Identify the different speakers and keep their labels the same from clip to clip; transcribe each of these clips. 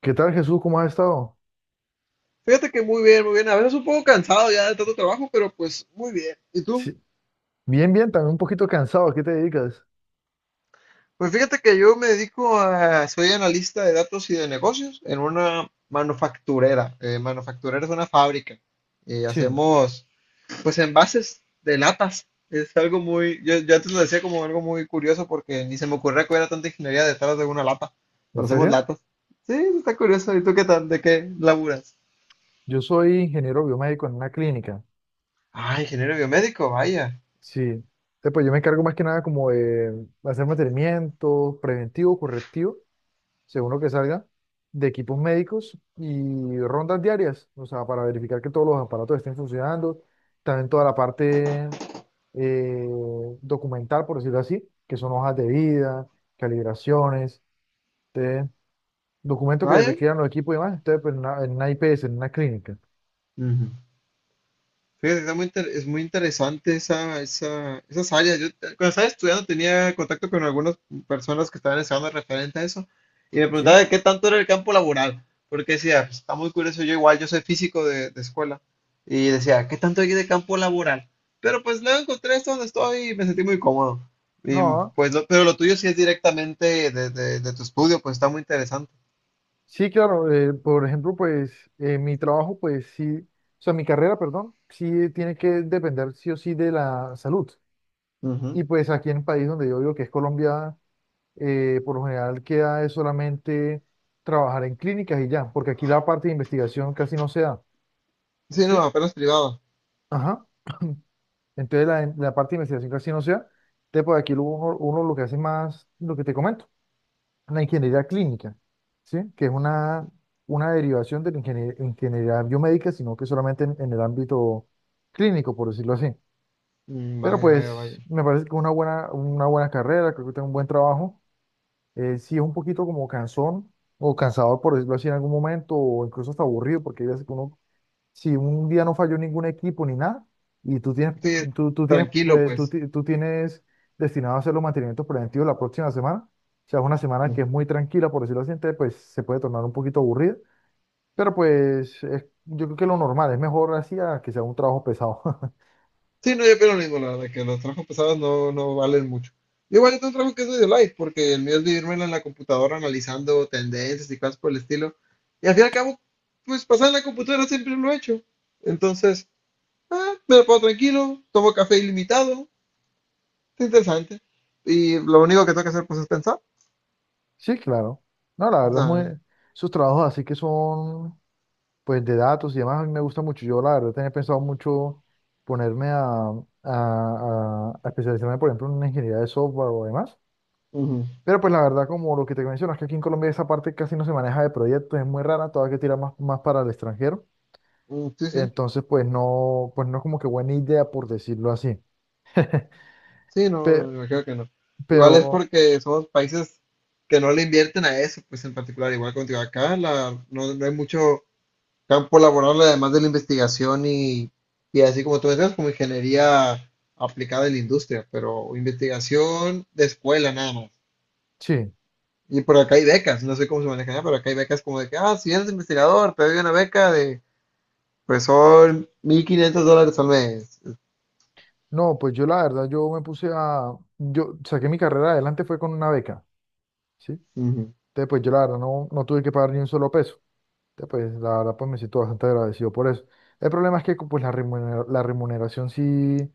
Speaker 1: ¿Qué tal, Jesús? ¿Cómo has estado?
Speaker 2: Fíjate que muy bien, muy bien. A veces un poco cansado ya de tanto trabajo, pero pues muy bien. ¿Y tú?
Speaker 1: Sí. Bien, bien, también un poquito cansado. ¿A qué te dedicas?
Speaker 2: Pues fíjate que yo me dedico a, soy analista de datos y de negocios en una manufacturera. Manufacturera es una fábrica y
Speaker 1: Sí.
Speaker 2: hacemos pues envases de latas. Es algo muy, yo antes lo decía como algo muy curioso porque ni se me ocurría que hubiera tanta ingeniería detrás de una lata,
Speaker 1: ¿En
Speaker 2: pero hacemos
Speaker 1: serio?
Speaker 2: latas. Sí, está curioso. ¿Y tú qué tal? ¿De qué laburas?
Speaker 1: Yo soy ingeniero biomédico en una clínica.
Speaker 2: Ah, ingeniero biomédico, vaya,
Speaker 1: Sí. Pues yo me encargo más que nada como de hacer mantenimiento preventivo, correctivo, según lo que salga, de equipos médicos y rondas diarias, o sea, para verificar que todos los aparatos estén funcionando. También toda la parte eh, documental, por decirlo así, que son hojas de vida, calibraciones. ¿Sí? Documentos que
Speaker 2: vaya.
Speaker 1: requieran los equipos y demás. Entonces pues, en una IPS, en una clínica.
Speaker 2: Ujú. Fíjate, es muy interesante esas áreas. Cuando estaba estudiando tenía contacto con algunas personas que estaban estudiando referente a eso y me
Speaker 1: ¿Sí?
Speaker 2: preguntaba de qué tanto era el campo laboral, porque decía, "Pues, está muy curioso, yo igual, yo soy físico de, escuela y decía, ¿qué tanto hay de campo laboral? Pero pues luego encontré esto donde estoy y me sentí muy cómodo. Y,
Speaker 1: No,
Speaker 2: pues, pero lo tuyo sí es directamente de tu estudio, pues está muy interesante.
Speaker 1: sí, claro, por ejemplo, pues mi trabajo, pues sí, o sea, mi carrera, perdón, sí tiene que depender sí o sí de la salud.
Speaker 2: Ujú.
Speaker 1: Y pues aquí en el país donde yo vivo, que es Colombia, por lo general queda es solamente trabajar en clínicas y ya, porque aquí la parte de investigación casi no se da.
Speaker 2: Sí,
Speaker 1: ¿Sí?
Speaker 2: no, apenas privado.
Speaker 1: Ajá. Entonces la parte de investigación casi no se da. Entonces, pues aquí lo- uno lo que hace más, lo que te comento la ingeniería clínica. ¿Sí? Que es una derivación de la ingeniería biomédica, sino que solamente en el ámbito clínico, por decirlo así.
Speaker 2: Mm,
Speaker 1: Pero
Speaker 2: vaya, vaya, vaya.
Speaker 1: pues me parece que es una buena carrera, creo que tengo un buen trabajo. Sí es un poquito como cansón o cansador, por decirlo así, en algún momento, o incluso hasta aburrido, porque hay veces que uno si un día no falló ningún equipo ni nada, y tú tienes,
Speaker 2: Sí,
Speaker 1: tú, tú tienes,
Speaker 2: tranquilo, pues.
Speaker 1: tú tienes destinado a hacer los mantenimientos preventivos la próxima semana. O sea, es una semana que es muy tranquila, por decirlo así. Entonces, pues se puede tornar un poquito aburrida, pero pues es- yo creo que lo normal, es mejor así a que sea un trabajo pesado.
Speaker 2: Sí, no, yo pienso lo mismo, la verdad, que los trabajos pesados no, no valen mucho. Igual yo tengo un trabajo que es medio light, porque el mío es vivirme en la computadora analizando tendencias y cosas por el estilo. Y al fin y al cabo, pues pasar en la computadora siempre lo he hecho. Entonces, me lo puedo tranquilo, tomo café ilimitado, es interesante. Y lo único que tengo que hacer pues es pensar.
Speaker 1: Sí, claro. No, la
Speaker 2: O
Speaker 1: verdad es muy,
Speaker 2: sea,
Speaker 1: sus trabajos así que son, pues, de datos y demás, a mí me gusta mucho. Yo, la verdad, tenía pensado mucho ponerme a especializarme, por ejemplo, en una ingeniería de software o demás.
Speaker 2: ujú,
Speaker 1: Pero pues la verdad, como lo que te mencionas, que aquí en Colombia esa parte casi no se maneja de proyectos, es muy rara, todavía que tira más, más para el extranjero.
Speaker 2: mm, sí, sí,
Speaker 1: Entonces, pues no es como que buena idea, por decirlo así.
Speaker 2: sí, no,
Speaker 1: Pe-
Speaker 2: me creo que no. Igual es
Speaker 1: pero
Speaker 2: porque somos países que no le invierten a eso, pues en particular, igual contigo acá, la, no, no hay mucho campo laboral, además de la investigación y así como tú decías, como ingeniería aplicada en la industria, pero investigación de escuela nada más.
Speaker 1: sí,
Speaker 2: Y por acá hay becas, no sé cómo se manejan, allá, pero acá hay becas como de que, ah, si eres investigador, te doy una beca de, pues son $1,500 al mes.
Speaker 1: no, pues yo la verdad, yo me puse a, yo saqué mi carrera adelante fue con una beca. ¿Sí?
Speaker 2: Ujú.
Speaker 1: Entonces, pues yo la verdad no, no tuve que pagar ni un solo peso. Ya, pues la verdad, pues me siento bastante agradecido por eso. El problema es que pues, la la remuneración sí,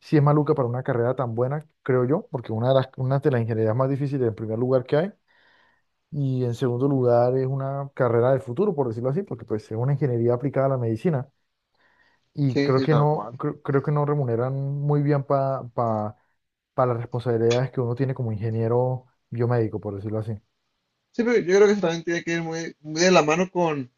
Speaker 1: sí es maluca para una carrera tan buena, creo yo, porque una de las ingenierías más difíciles en primer lugar que hay, y en segundo lugar es una carrera del futuro, por decirlo así, porque pues es una ingeniería aplicada a la medicina, y
Speaker 2: Sí,
Speaker 1: creo
Speaker 2: sí,
Speaker 1: que
Speaker 2: tal
Speaker 1: no,
Speaker 2: cual.
Speaker 1: creo, creo que no remuneran muy bien pa- las responsabilidades que uno tiene como ingeniero biomédico, por decirlo así.
Speaker 2: Sí, pero yo creo que eso también tiene que ir muy, muy de la mano con,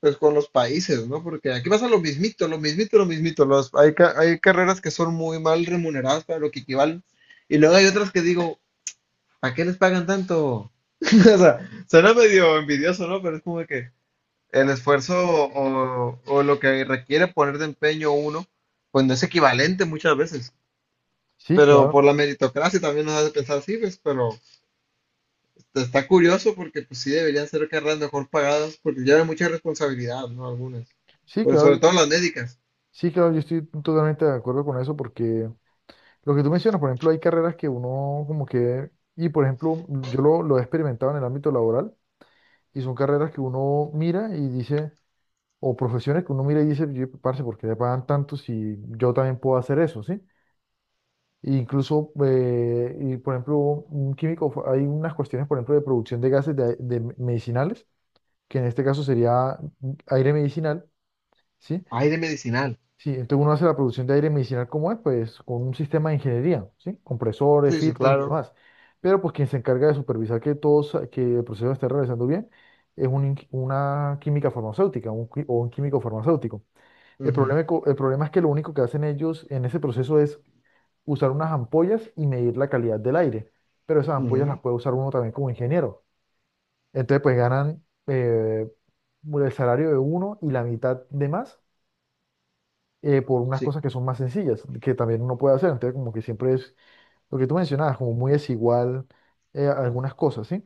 Speaker 2: pues, con los países, ¿no? Porque aquí pasa lo mismito, lo mismito, lo mismito. Hay carreras que son muy mal remuneradas para lo que equivalen. Y luego hay otras que digo, ¿a qué les pagan tanto? O sea, suena medio envidioso, ¿no? Pero es como que el esfuerzo o lo que requiere poner de empeño uno, pues no es equivalente muchas veces.
Speaker 1: Sí,
Speaker 2: Pero
Speaker 1: claro,
Speaker 2: por la meritocracia también nos hace pensar así, pues, pero está curioso porque pues sí deberían ser carreras mejor pagadas porque llevan mucha responsabilidad, ¿no? Algunas.
Speaker 1: sí,
Speaker 2: Pero
Speaker 1: claro,
Speaker 2: sobre todo las médicas.
Speaker 1: sí, claro, yo estoy totalmente de acuerdo con eso porque... Lo que tú mencionas, por ejemplo, hay carreras que uno como que, y por ejemplo, yo lo he experimentado en el ámbito laboral, y son carreras que uno mira y dice, o profesiones que uno mira y dice: "Yo, parce, ¿por qué le pagan tanto si yo también puedo hacer eso, sí?" E incluso, y por ejemplo, un químico, fa- hay unas cuestiones, por ejemplo, de producción de gases de medicinales, que en este caso sería aire medicinal. ¿Sí?
Speaker 2: Hay de medicinal.
Speaker 1: Sí, entonces uno hace la producción de aire medicinal como es, pues con un sistema de ingeniería. ¿Sí? Compresores,
Speaker 2: Sí, sí,
Speaker 1: filtros y
Speaker 2: claro.
Speaker 1: demás. Pero pues quien se encarga de supervisar que todo, que el proceso esté realizando bien es una química farmacéutica, o un químico farmacéutico. El
Speaker 2: Ujú,
Speaker 1: problema, co- el problema es que lo único que hacen ellos en ese proceso es usar unas ampollas y medir la calidad del aire. Pero esas ampollas las
Speaker 2: ujú.
Speaker 1: puede usar uno también como ingeniero. Entonces pues ganan el salario de uno y la mitad de más por unas
Speaker 2: Sí,
Speaker 1: cosas que son más sencillas, que también uno puede hacer. Entonces, como que siempre es lo que tú mencionabas, como muy desigual algunas cosas. ¿Sí?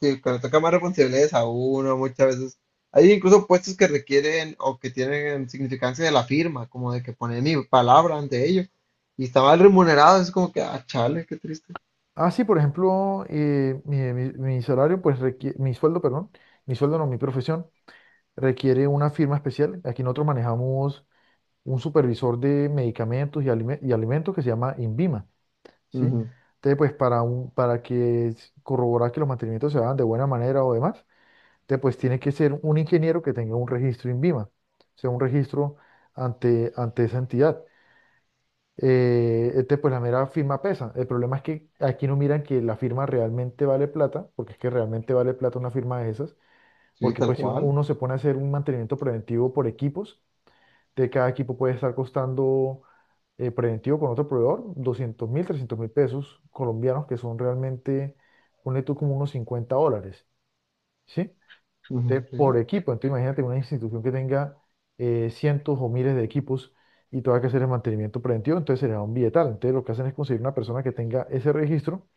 Speaker 2: sí, cuando toca más responsabilidades a uno muchas veces. Hay incluso puestos que requieren o que tienen significancia de la firma, como de que poner mi palabra ante ellos. Y está mal remunerado, es como que, ah, chale, qué triste.
Speaker 1: Ah, sí, por ejemplo, mi salario, pues requiere, mi sueldo, perdón, mi sueldo no, mi profesión, requiere una firma especial. Aquí nosotros manejamos un supervisor de medicamentos y alimentos que se llama INVIMA. ¿Sí?
Speaker 2: Ujú,
Speaker 1: Entonces, pues para que corroborar que los mantenimientos se hagan de buena manera o demás. Entonces, pues tiene que ser un ingeniero que tenga un registro INVIMA, o sea, un registro ante esa entidad. Este, pues la mera firma pesa. El problema es que aquí no miran que la firma realmente vale plata, porque es que realmente vale plata una firma de esas,
Speaker 2: sí,
Speaker 1: porque
Speaker 2: tal
Speaker 1: pues si uno,
Speaker 2: cual.
Speaker 1: uno se pone a hacer un mantenimiento preventivo por equipos, de cada equipo puede estar costando preventivo con otro proveedor, 200.000, 300.000 pesos colombianos, que son realmente, ponle tú como unos 50 dólares. ¿Sí?
Speaker 2: Ujú,
Speaker 1: Entonces, por
Speaker 2: sí.
Speaker 1: equipo, entonces imagínate una institución que tenga cientos o miles de equipos y tenga que hacer el mantenimiento preventivo, entonces será un billetal. Entonces, lo que hacen es conseguir una persona que tenga ese registro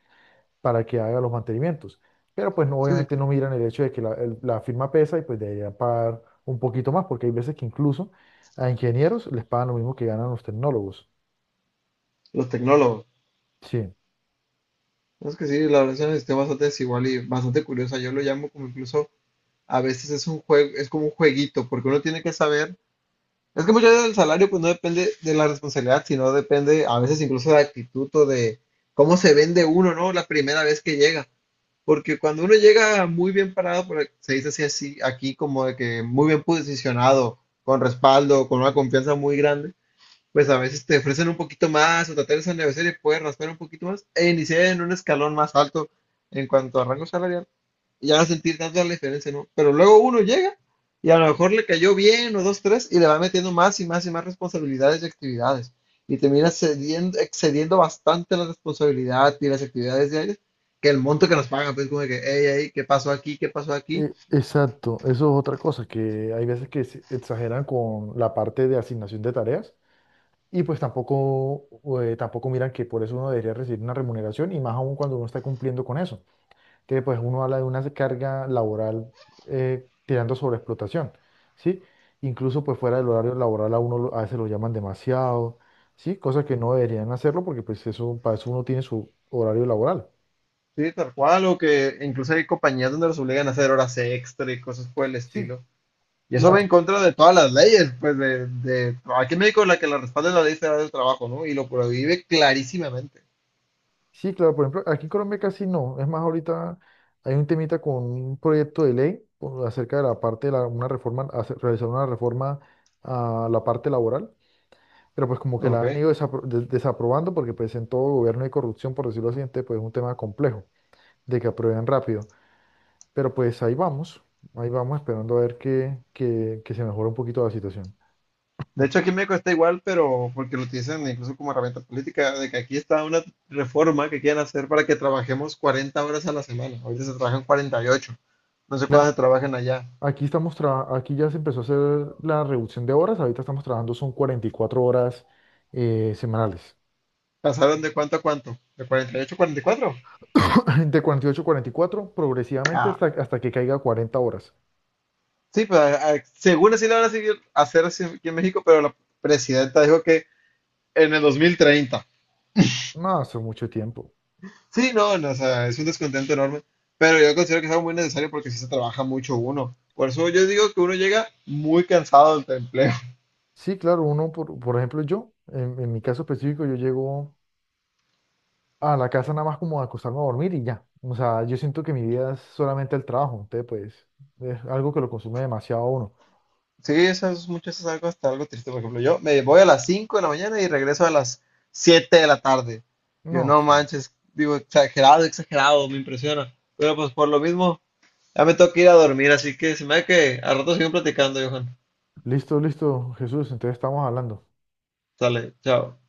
Speaker 1: para que haga los mantenimientos. Pero pues no,
Speaker 2: Sí, sí,
Speaker 1: obviamente
Speaker 2: cl-
Speaker 1: no miran el hecho de que la firma pesa y pues debería pagar un poquito más, porque hay veces que incluso a ingenieros les pagan lo mismo que ganan los tecnólogos.
Speaker 2: Los tecnólogos.
Speaker 1: Sí,
Speaker 2: No, es que sí, la verdad es una historia bastante desigual y bastante curiosa. Yo lo llamo como incluso a veces es un juego, es como un jueguito, porque uno tiene que saber. Es que muchas veces el salario pues no depende de la responsabilidad, sino depende a veces incluso de la actitud o de cómo se vende uno, ¿no? La primera vez que llega. Porque cuando uno llega muy bien parado, se dice así, así aquí como de que muy bien posicionado, con respaldo, con una confianza muy grande, pues a veces te ofrecen un poquito más o tratar de negociar y puedes raspar un poquito más e iniciar en un escalón más alto en cuanto a rango salarial y ya no sentir tanto la diferencia, ¿no? Pero luego uno llega y a lo mejor le cayó bien o dos, tres y le va metiendo más y más y más responsabilidades y actividades y termina excediendo bastante la responsabilidad y las actividades diarias que el monto que nos pagan, pues como de que, hey, hey, ¿qué pasó aquí? ¿Qué pasó aquí?
Speaker 1: exacto. Eso es otra cosa, que hay veces que se exageran con la parte de asignación de tareas. Y pues tampoco miran que por eso uno debería recibir una remuneración y más aún cuando uno está cumpliendo con eso, que pues uno habla de una carga laboral tirando sobre explotación. ¿Sí? Incluso pues fuera del horario laboral a uno a veces lo llaman demasiado. ¿Sí? Cosas que no deberían hacerlo porque pues eso, para eso uno tiene su horario laboral.
Speaker 2: Sí, tal cual, o que incluso hay compañías donde los obligan a hacer horas extra y cosas por el
Speaker 1: ¿Sí?
Speaker 2: estilo. Y eso va en
Speaker 1: Claro.
Speaker 2: contra de todas las leyes, pues de aquí en México la que la respalda es la ley federal del trabajo, ¿no? Y lo prohíbe clarísimamente.
Speaker 1: Sí, claro, por ejemplo, aquí en Colombia casi no. Es más, ahorita hay un temita con un proyecto de ley acerca de la parte de una reforma, realizar una reforma a la parte laboral, pero pues como que la
Speaker 2: Ok.
Speaker 1: han ido desaprobando porque pues en todo gobierno hay corrupción, por decirlo así, entonces pues es un tema complejo de que aprueben rápido. Pero pues ahí vamos esperando a ver que, que se mejore un poquito la situación.
Speaker 2: De hecho, aquí en México está igual, pero porque lo utilizan incluso como herramienta política, de que aquí está una reforma que quieren hacer para que trabajemos 40 horas a la semana. Ahorita se trabajan 48. No sé
Speaker 1: La-
Speaker 2: cuántas se trabajan allá.
Speaker 1: Aquí ya se empezó a hacer la reducción de horas, ahorita estamos trabajando son 44 horas semanales.
Speaker 2: ¿Pasaron de cuánto a cuánto? ¿De 48 a 44?
Speaker 1: De 48 a 44 progresivamente
Speaker 2: Ah,
Speaker 1: hasta que caiga a 40 horas.
Speaker 2: sí, pues según así lo van a seguir hacer así aquí en México, pero la presidenta dijo que en el 2030.
Speaker 1: No, hace mucho tiempo.
Speaker 2: Sí, no, no, o sea, es un descontento enorme, pero yo considero que es algo muy necesario porque sí se trabaja mucho uno. Por eso yo digo que uno llega muy cansado del empleo.
Speaker 1: Sí, claro, uno, por ejemplo, yo, en mi caso específico, yo llego a la casa nada más como a acostarme a dormir y ya. O sea, yo siento que mi vida es solamente el trabajo. Entonces, pues, es algo que lo consume demasiado a uno.
Speaker 2: Sí, eso es mucho, eso es algo, hasta algo triste. Por ejemplo, yo me voy a las 5 de la mañana y regreso a las 7 de la tarde.
Speaker 1: No,
Speaker 2: Yo no
Speaker 1: sí.
Speaker 2: manches, digo, exagerado, exagerado, me impresiona. Pero pues por lo mismo, ya me toca ir a dormir, así que se me da que al rato siguen platicando, Johan.
Speaker 1: Listo, listo, Jesús, entonces estamos hablando.
Speaker 2: Sale, chao.